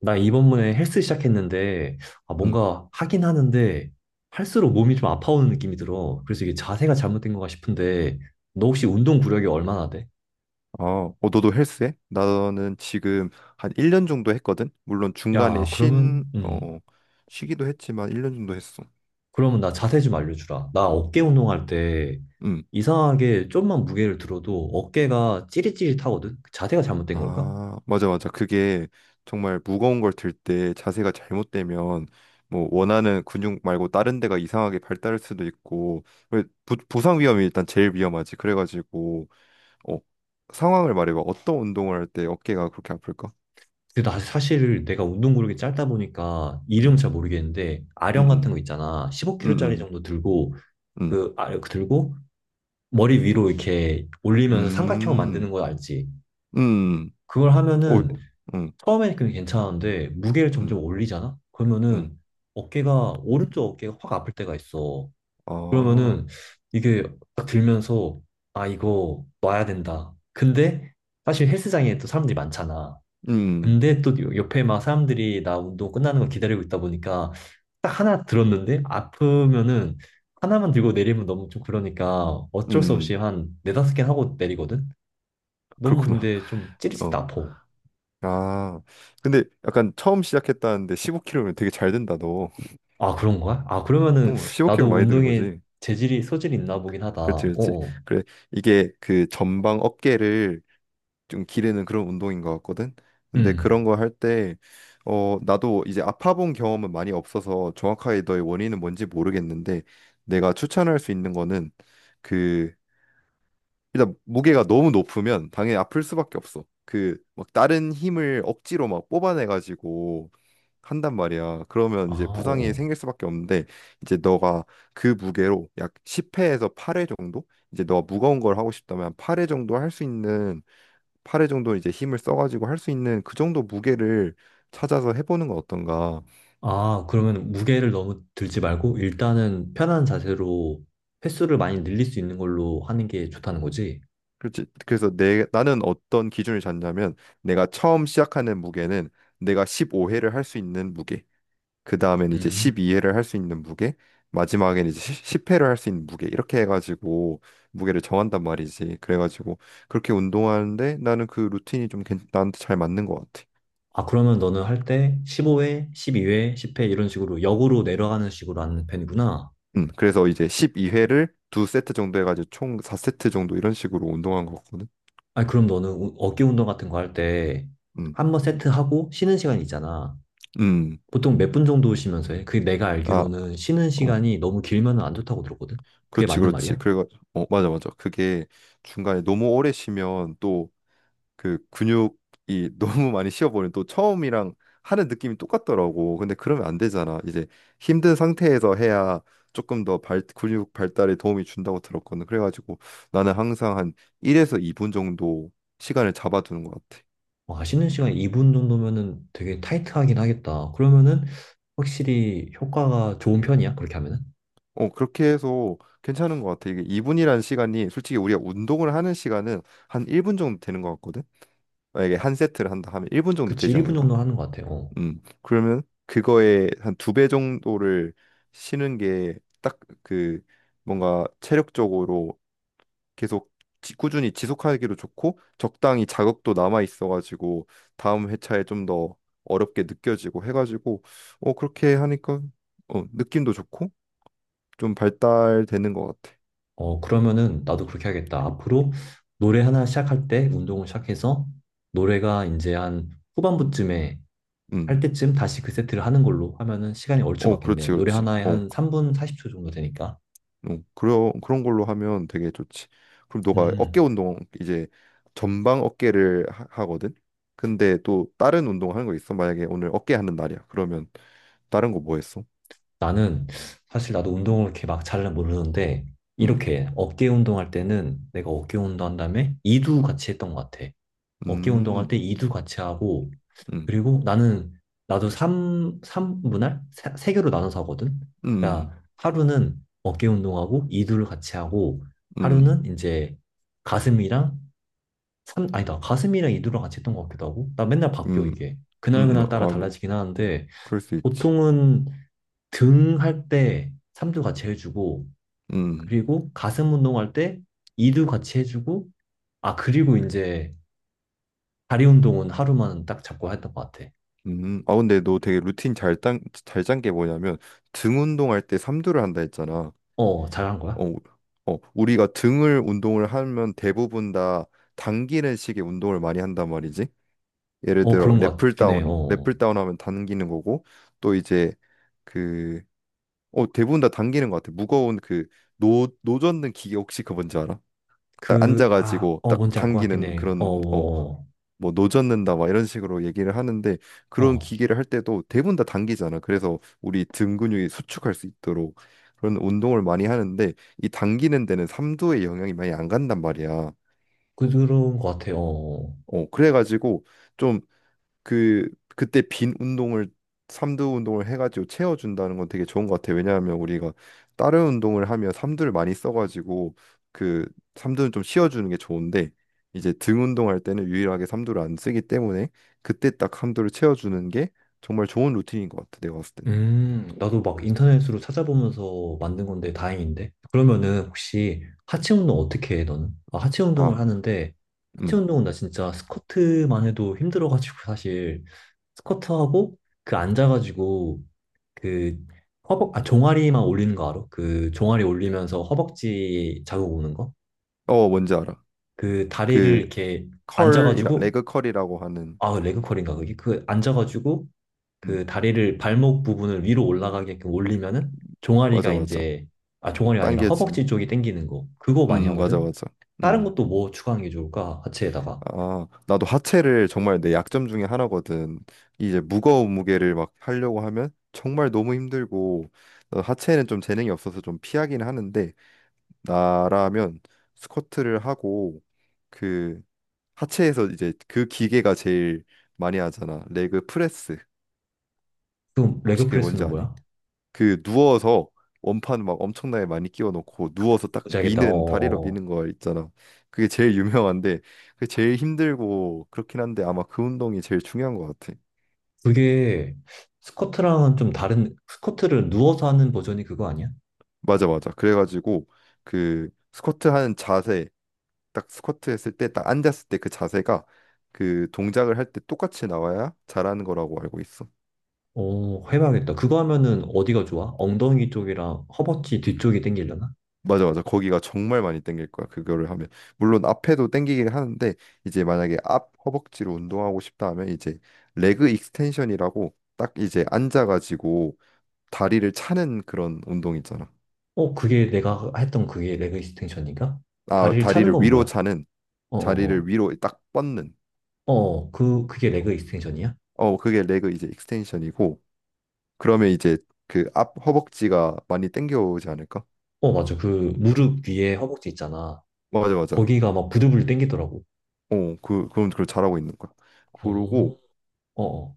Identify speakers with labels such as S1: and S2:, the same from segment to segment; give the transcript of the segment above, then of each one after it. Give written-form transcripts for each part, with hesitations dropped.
S1: 나 이번에 헬스 시작했는데,
S2: 음.
S1: 뭔가 하긴 하는데, 할수록 몸이 좀 아파오는 느낌이 들어. 그래서 이게 자세가 잘못된 건가 싶은데, 너 혹시 운동 구력이 얼마나 돼?
S2: 어, 너도 헬스해? 나는 지금 한 1년 정도 했거든? 물론 중간에
S1: 야, 그러면, 음,
S2: 쉬기도 했지만 1년 정도 했어.
S1: 그러면 나 자세 좀 알려주라. 나 어깨 운동할 때,
S2: 음.
S1: 이상하게 좀만 무게를 들어도 어깨가 찌릿찌릿하거든? 그 자세가 잘못된 걸까?
S2: 아, 맞아, 맞아. 그게 정말 무거운 걸 들 때 자세가 잘못되면 뭐 원하는 근육 말고 다른 데가 이상하게 발달할 수도 있고, 왜 부상 위험이 일단 제일 위험하지. 그래가지고, 어, 상황을 말해봐. 어떤 운동을 할 때 어깨가 그렇게 아플까?
S1: 근데 나 사실 내가 운동 구력이 짧다 보니까 이름
S2: 음,
S1: 잘 모르겠는데,
S2: 음,
S1: 아령 같은
S2: 음,
S1: 거 있잖아. 15kg짜리
S2: 음,
S1: 정도 들고,
S2: 음,
S1: 그 들고, 머리 위로 이렇게 올리면서 삼각형 만드는
S2: 음.
S1: 거 알지?
S2: 음.
S1: 그걸
S2: 오,
S1: 하면은
S2: 음,
S1: 처음에는 그게 괜찮은데 무게를 점점
S2: 음,
S1: 올리잖아?
S2: 음.
S1: 그러면은 어깨가, 오른쪽 어깨가 확 아플 때가 있어.
S2: 아,
S1: 그러면은 이게 딱 들면서 아, 이거 놔야 된다. 근데 사실 헬스장에 또 사람들이 많잖아.
S2: 음,
S1: 근데 또 옆에 막 사람들이 나 운동 끝나는 걸 기다리고 있다 보니까 딱 하나 들었는데 아프면은 하나만 들고 내리면 너무 좀 그러니까 어쩔 수 없이
S2: 음,
S1: 한 네다섯 개 하고 내리거든? 너무
S2: 그렇구나.
S1: 근데 좀 찌릿찌릿
S2: 어.
S1: 아파.
S2: 아, 근데 약간 처음 시작했다는데 15kg면 되게 잘 된다, 너.
S1: 아, 그런 거야? 아, 그러면은
S2: 어, 15kg
S1: 나도
S2: 많이 드는
S1: 운동에
S2: 거지.
S1: 재질이 소질이 있나 보긴 하다.
S2: 그렇지, 그렇지.
S1: 어어.
S2: 그래, 이게 그 전방 어깨를 좀 기르는 그런 운동인 것 같거든. 근데 그런
S1: 음.
S2: 거 할 때, 나도 이제 아파 본 경험은 많이 없어서 정확하게 너의 원인은 뭔지 모르겠는데, 내가 추천할 수 있는 거는 그 일단 무게가 너무 높으면 당연히 아플 수밖에 없어. 그 막 다른 힘을 억지로 막 뽑아내 가지고 한단 말이야. 그러면
S1: 아,
S2: 이제 부상이
S1: 어어.
S2: 생길 수밖에 없는데 이제 너가 그 무게로 약 10회에서 8회 정도 이제 너가 무거운 걸 하고 싶다면 8회 정도 할 수 있는 8회 정도 이제 힘을 써 가지고 할 수 있는 그 정도 무게를 찾아서 해보는 건 어떤가.
S1: 아, 그러면 무게를 너무 들지 말고 일단은 편한 자세로 횟수를 많이 늘릴 수 있는 걸로 하는 게 좋다는 거지.
S2: 그렇지. 그래서 내 나는 어떤 기준을 잡냐면 내가 처음 시작하는 무게는 내가 15회를 할 수 있는 무게. 그 다음엔 이제
S1: 음.
S2: 12회를 할 수 있는 무게, 마지막엔 이제 10회를 할 수 있는 무게 이렇게 해가지고 무게를 정한단 말이지. 그래가지고 그렇게 운동하는데 나는 그 루틴이 좀 나한테 잘 맞는 것 같아.
S1: 아, 그러면 너는 할 때 15회, 12회, 10회 이런 식으로 역으로 내려가는 식으로 하는 편이구나.
S2: 그래서 이제 12회를 두 세트 정도 해가지고 총 4세트 정도 이런 식으로 운동한 거거든.
S1: 아니, 그럼 너는 어깨 운동 같은 거 할 때
S2: 음,
S1: 한 번 세트하고 쉬는 시간이 있잖아.
S2: 음,
S1: 보통 몇 분 정도 쉬면서 해? 그게 내가
S2: 아,
S1: 알기로는 쉬는
S2: 어,
S1: 시간이 너무 길면은 안 좋다고 들었거든? 그게
S2: 그렇지,
S1: 맞는
S2: 그렇지.
S1: 말이야?
S2: 맞아, 맞아. 그게 중간에 너무 오래 쉬면 또 그 근육이 너무 많이 쉬어버리면 또 처음이랑 하는 느낌이 똑같더라고. 근데 그러면 안 되잖아. 이제 힘든 상태에서 해야 조금 더 근육 발달에 도움이 준다고 들었거든. 그래가지고 나는 항상 한 1에서 2분 정도 시간을 잡아두는 것 같아.
S1: 와, 쉬는 시간이 2분 정도면은 되게 타이트하긴 하겠다. 그러면은 확실히 효과가 좋은 편이야? 그렇게 하면은?
S2: 어, 그렇게 해서 괜찮은 것 같아. 이게 2분이라는 시간이 솔직히 우리가 운동을 하는 시간은 한 1분 정도 되는 것 같거든. 만약에 한 세트를 한다 하면 1분 정도
S1: 그치,
S2: 되지
S1: 1분
S2: 않을까?
S1: 정도 하는 것 같아. 어,
S2: 그러면 그거에 한 두 배 정도를 쉬는 게 딱 그 뭔가 체력적으로 계속 꾸준히 지속하기도 좋고 적당히 자극도 남아 있어가지고 다음 회차에 좀 더 어렵게 느껴지고 해가지고 그렇게 하니까 느낌도 좋고 좀 발달되는 것 같아.
S1: 어, 그러면은 나도 그렇게 하겠다. 앞으로 노래 하나 시작할 때 운동을 시작해서 노래가 이제 한 후반부쯤에 할
S2: 음,
S1: 때쯤 다시 그 세트를 하는 걸로 하면은 시간이 얼추
S2: 어
S1: 맞겠네.
S2: 그렇지
S1: 노래
S2: 그렇지.
S1: 하나에
S2: 어.
S1: 한 3분 40초 정도 되니까.
S2: 어, 그런 걸로 하면 되게 좋지. 그럼 너가 어깨
S1: 음.
S2: 운동 이제 전방 어깨를 하, 거든 근데 또 다른 운동 하는 거 있어? 만약에 오늘 어깨 하는 날이야. 그러면 다른 거 뭐 했어?
S1: 나는 사실 나도 운동을 이렇게 막 잘은 모르는데
S2: 음,
S1: 이렇게 어깨 운동할 때는 내가 어깨 운동한 다음에 이두 같이 했던 것 같아. 어깨 운동할 때
S2: 음,
S1: 이두 같이 하고
S2: 음,
S1: 그리고 나는 나도 삼삼분할세 개로 나눠서 하거든.
S2: 음,
S1: 그러니까 하루는 어깨 운동하고 이두를 같이 하고
S2: 음,
S1: 하루는 이제 가슴이랑 삼 아니다 가슴이랑 이두랑 같이 했던 것 같기도 하고 나 맨날 바뀌어
S2: 음,
S1: 이게 그날그날 따라
S2: 아, 뭐,
S1: 달라지긴 하는데
S2: 그럴 수 있지.
S1: 보통은 등 할 때 삼두 같이 해주고,
S2: 음,
S1: 그리고 가슴 운동할 때 이두 같이 해주고, 아, 그리고 이제 다리 운동은 하루만 딱 잡고 했던 것 같아.
S2: 아, 근데 너 되게 루틴 잘짠 게 뭐냐면 등 운동할 때 삼두를 한다 했잖아.
S1: 어, 잘한 거야?
S2: 어, 우리가 등을 운동을 하면 대부분 다 당기는 식의 운동을 많이 한단 말이지. 예를
S1: 어,
S2: 들어
S1: 그런 것
S2: 랩을
S1: 같긴 해.
S2: 다운,
S1: 어,
S2: 랩을 다운 하면 당기는 거고 또 이제 그 대부분 다 당기는 것 같아. 무거운 그 노젓는 기계 혹시 그 뭔지 알아? 딱 앉아가지고 딱
S1: 뭔지 알 것 같긴
S2: 당기는
S1: 해. 어,
S2: 그런
S1: 어,
S2: 뭐 노젓는다 막 이런 식으로 얘기를 하는데
S1: 어,
S2: 그런
S1: 어.
S2: 기계를 할 때도 대부분 다 당기잖아. 그래서 우리 등 근육이 수축할 수 있도록 그런 운동을 많이 하는데 이 당기는 데는 삼두의 영향이 많이 안 간단 말이야.
S1: 그런 것 같아. 어. 어.
S2: 어, 그래가지고 좀 그 그때 빈 운동을 삼두 운동을 해가지고 채워준다는 건 되게 좋은 것 같아요. 왜냐하면 우리가 다른 운동을 하면 삼두를 많이 써가지고 그 삼두는 좀 쉬어주는 게 좋은데 이제 등 운동할 때는 유일하게 삼두를 안 쓰기 때문에 그때 딱 삼두를 채워주는 게 정말 좋은 루틴인 것 같아. 내가 봤을 땐.
S1: 나도 막 인터넷으로 찾아보면서 만든 건데 다행인데. 그러면은 혹시 하체 운동 어떻게 해, 너는? 아, 하체 운동을
S2: 아,
S1: 하는데, 하체
S2: 음,
S1: 운동은 나 진짜 스쿼트만 해도 힘들어가지고 사실 스쿼트하고 그 앉아가지고 그 종아리만 올리는 거 알아? 그 종아리 올리면서 허벅지 자국 오는 거?
S2: 어, 뭔지 알아.
S1: 그 다리를
S2: 그
S1: 이렇게
S2: 컬이라
S1: 앉아가지고,
S2: 레그 컬이라고 하는,
S1: 아, 레그 컬인가 그게? 그 앉아가지고
S2: 음,
S1: 그 다리를 발목 부분을 위로 올라가게끔 올리면은 종아리가
S2: 맞아 맞아.
S1: 이제 아 종아리가 아니라 허벅지
S2: 당겨진,
S1: 쪽이 당기는 거 그거 많이
S2: 맞아
S1: 하거든.
S2: 맞아.
S1: 다른
S2: 음.
S1: 것도 뭐 추가하는 게 좋을까? 하체에다가.
S2: 아, 나도 하체를 정말 내 약점 중에 하나거든. 이제 무거운 무게를 막 하려고 하면 정말 너무 힘들고 하체는 좀 재능이 없어서 좀 피하긴 하는데 나라면 스쿼트를 하고 그 하체에서 이제 그 기계가 제일 많이 하잖아. 레그 프레스.
S1: 그럼
S2: 혹시
S1: 레그
S2: 그게 뭔지
S1: 프레스는
S2: 아니?
S1: 뭐야?
S2: 그 누워서 원판 막 엄청나게 많이 끼워놓고 누워서 딱
S1: 뭔지 알겠다.
S2: 미는 다리로
S1: 어어어.
S2: 미는 거 있잖아. 그게 제일 유명한데 그게 제일 힘들고 그렇긴 한데 아마 그 운동이 제일 중요한 것 같아.
S1: 그게 스쿼트랑은 좀 다른 스쿼트를 누워서 하는 버전이 그거 아니야?
S2: 맞아 맞아. 그래가지고 그 스쿼트 하는 자세 딱 스쿼트 했을 때 딱 앉았을 때 그 자세가 그 동작을 할 때 똑같이 나와야 잘하는 거라고 알고 있어.
S1: 어, 해봐야겠다. 그거 하면은 어디가 좋아? 엉덩이 쪽이랑 허벅지 뒤쪽이 당기려나?
S2: 맞아 맞아 거기가 정말 많이 땡길 거야 그거를 하면 물론 앞에도 땡기긴 하는데 이제 만약에 앞 허벅지로 운동하고 싶다 하면 이제 레그 익스텐션이라고 딱 이제 앉아가지고 다리를 차는 그런 운동 있잖아
S1: 어, 그게 내가 했던 그게 레그 익스텐션인가?
S2: 아
S1: 다리를 차는
S2: 다리를
S1: 건
S2: 위로
S1: 뭐야?
S2: 차는 자리를
S1: 어어어.
S2: 위로 딱 뻗는
S1: 어, 그게 레그 익스텐션이야?
S2: 어 그게 레그 이제 익스텐션이고 그러면 이제 그 앞 허벅지가 많이 땡겨오지 않을까
S1: 어, 맞아. 그 무릎 위에 허벅지 있잖아.
S2: 맞아 맞아
S1: 거기가 막 부들부들 땡기더라고.
S2: 어그 그럼 그걸 잘하고 있는 거야
S1: 어,
S2: 그러고
S1: 어, 어,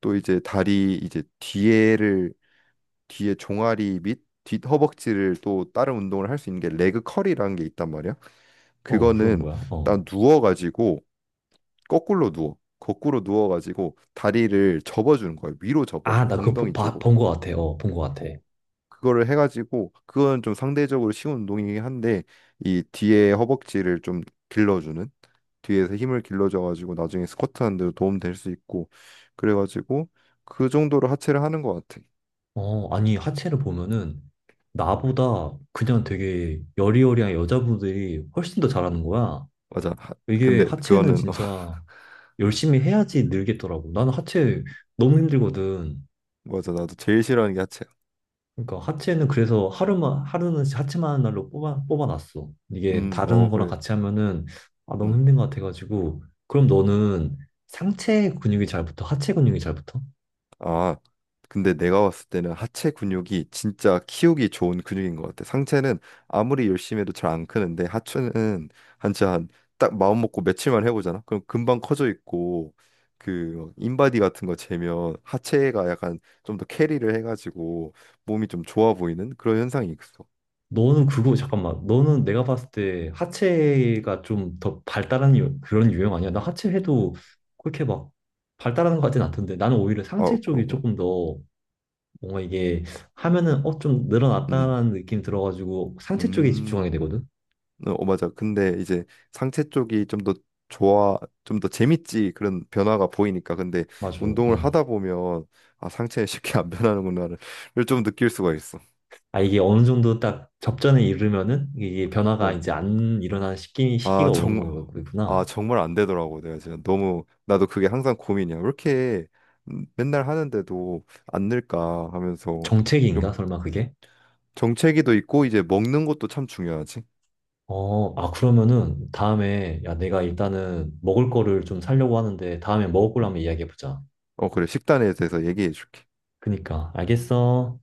S2: 또 이제 다리 이제 뒤에를 뒤에 종아리 및 뒷허벅지를 또 다른 운동을 할 수 있는 게 레그 컬이라는 게 있단 말이야.
S1: 어, 그건
S2: 그거는
S1: 뭐야?
S2: 딱
S1: 어.
S2: 누워가지고 거꾸로 누워. 거꾸로 누워가지고 다리를 접어주는 거야. 위로 접어줘.
S1: 아, 나 그거
S2: 엉덩이
S1: 본
S2: 쪽으로.
S1: 거 같아. 어, 본 거 같아.
S2: 어. 그거를 해가지고 그건 좀 상대적으로 쉬운 운동이긴 한데 이 뒤에 허벅지를 좀 길러주는 뒤에서 힘을 길러줘가지고 나중에 스쿼트 하는 데도 도움 될 수 있고 그래가지고 그 정도로 하체를 하는 것 같아.
S1: 어, 아니, 하체를 보면은 나보다 그냥 되게 여리여리한 여자분들이 훨씬 더 잘하는 거야.
S2: 맞아.
S1: 이게
S2: 근데
S1: 하체는
S2: 그거는
S1: 진짜 열심히 해야지 늘겠더라고. 나는 하체 너무 힘들거든.
S2: 맞아 나도 제일 싫어하는 게 하체야
S1: 그러니까 하체는 그래서 하루만 하루는 하체만 하는 날로 뽑아놨어. 이게
S2: 어
S1: 다른 거랑
S2: 그래
S1: 같이 하면은 아 너무 힘든 것 같아가지고 그럼 너는 상체 근육이 잘 붙어? 하체 근육이 잘 붙어?
S2: 음아 근데 내가 봤을 때는 하체 근육이 진짜 키우기 좋은 근육인 것 같아 상체는 아무리 열심히 해도 잘 안 크는데 하체는 한짜 한딱 마음 먹고 며칠만 해보잖아 그럼 금방 커져 있고 그 인바디 같은 거 재면 하체가 약간 좀 더 캐리를 해가지고 몸이 좀 좋아 보이는 그런 현상이 있어
S1: 너는 그거 잠깐만 너는 내가 봤을 때 하체가 좀 더 발달한 그런 유형 아니야? 나 하체 해도 그렇게 막 발달하는 것 같진 않던데 나는 오히려
S2: 아
S1: 상체 쪽이
S2: 그런가
S1: 조금 더 뭔가 이게 하면은 어 좀 늘어났다라는 느낌이 들어가지고 상체 쪽에 집중하게
S2: 음음
S1: 되거든.
S2: 어 어, 맞아. 근데 이제 상체 쪽이 좀 더 좋아, 좀 더 재밌지 그런 변화가 보이니까. 근데
S1: 맞아.
S2: 운동을
S1: 음.
S2: 하다 보면 아 상체는 쉽게 안 변하는구나를 좀 느낄 수가 있어.
S1: 아, 이게 어느 정도 딱 접전에 이르면은 이게 변화가
S2: 어.
S1: 이제 안 일어나는 시기가
S2: 아
S1: 오는
S2: 정말 아
S1: 거구나.
S2: 정말 안 되더라고. 내가 진짜 너무 나도 그게 항상 고민이야. 왜 이렇게 맨날 하는데도 안 늘까 하면서
S1: 정책인가?
S2: 좀
S1: 설마 그게?
S2: 정체기도 있고 이제 먹는 것도 참 중요하지.
S1: 어, 아, 그러면은 다음에, 야, 내가 일단은 먹을 거를 좀 사려고 하는데 다음에 먹을 걸로
S2: 음.
S1: 한번 이야기해보자.
S2: 어 그래 식단에 대해서 얘기해 줄게.
S1: 그니까, 알겠어.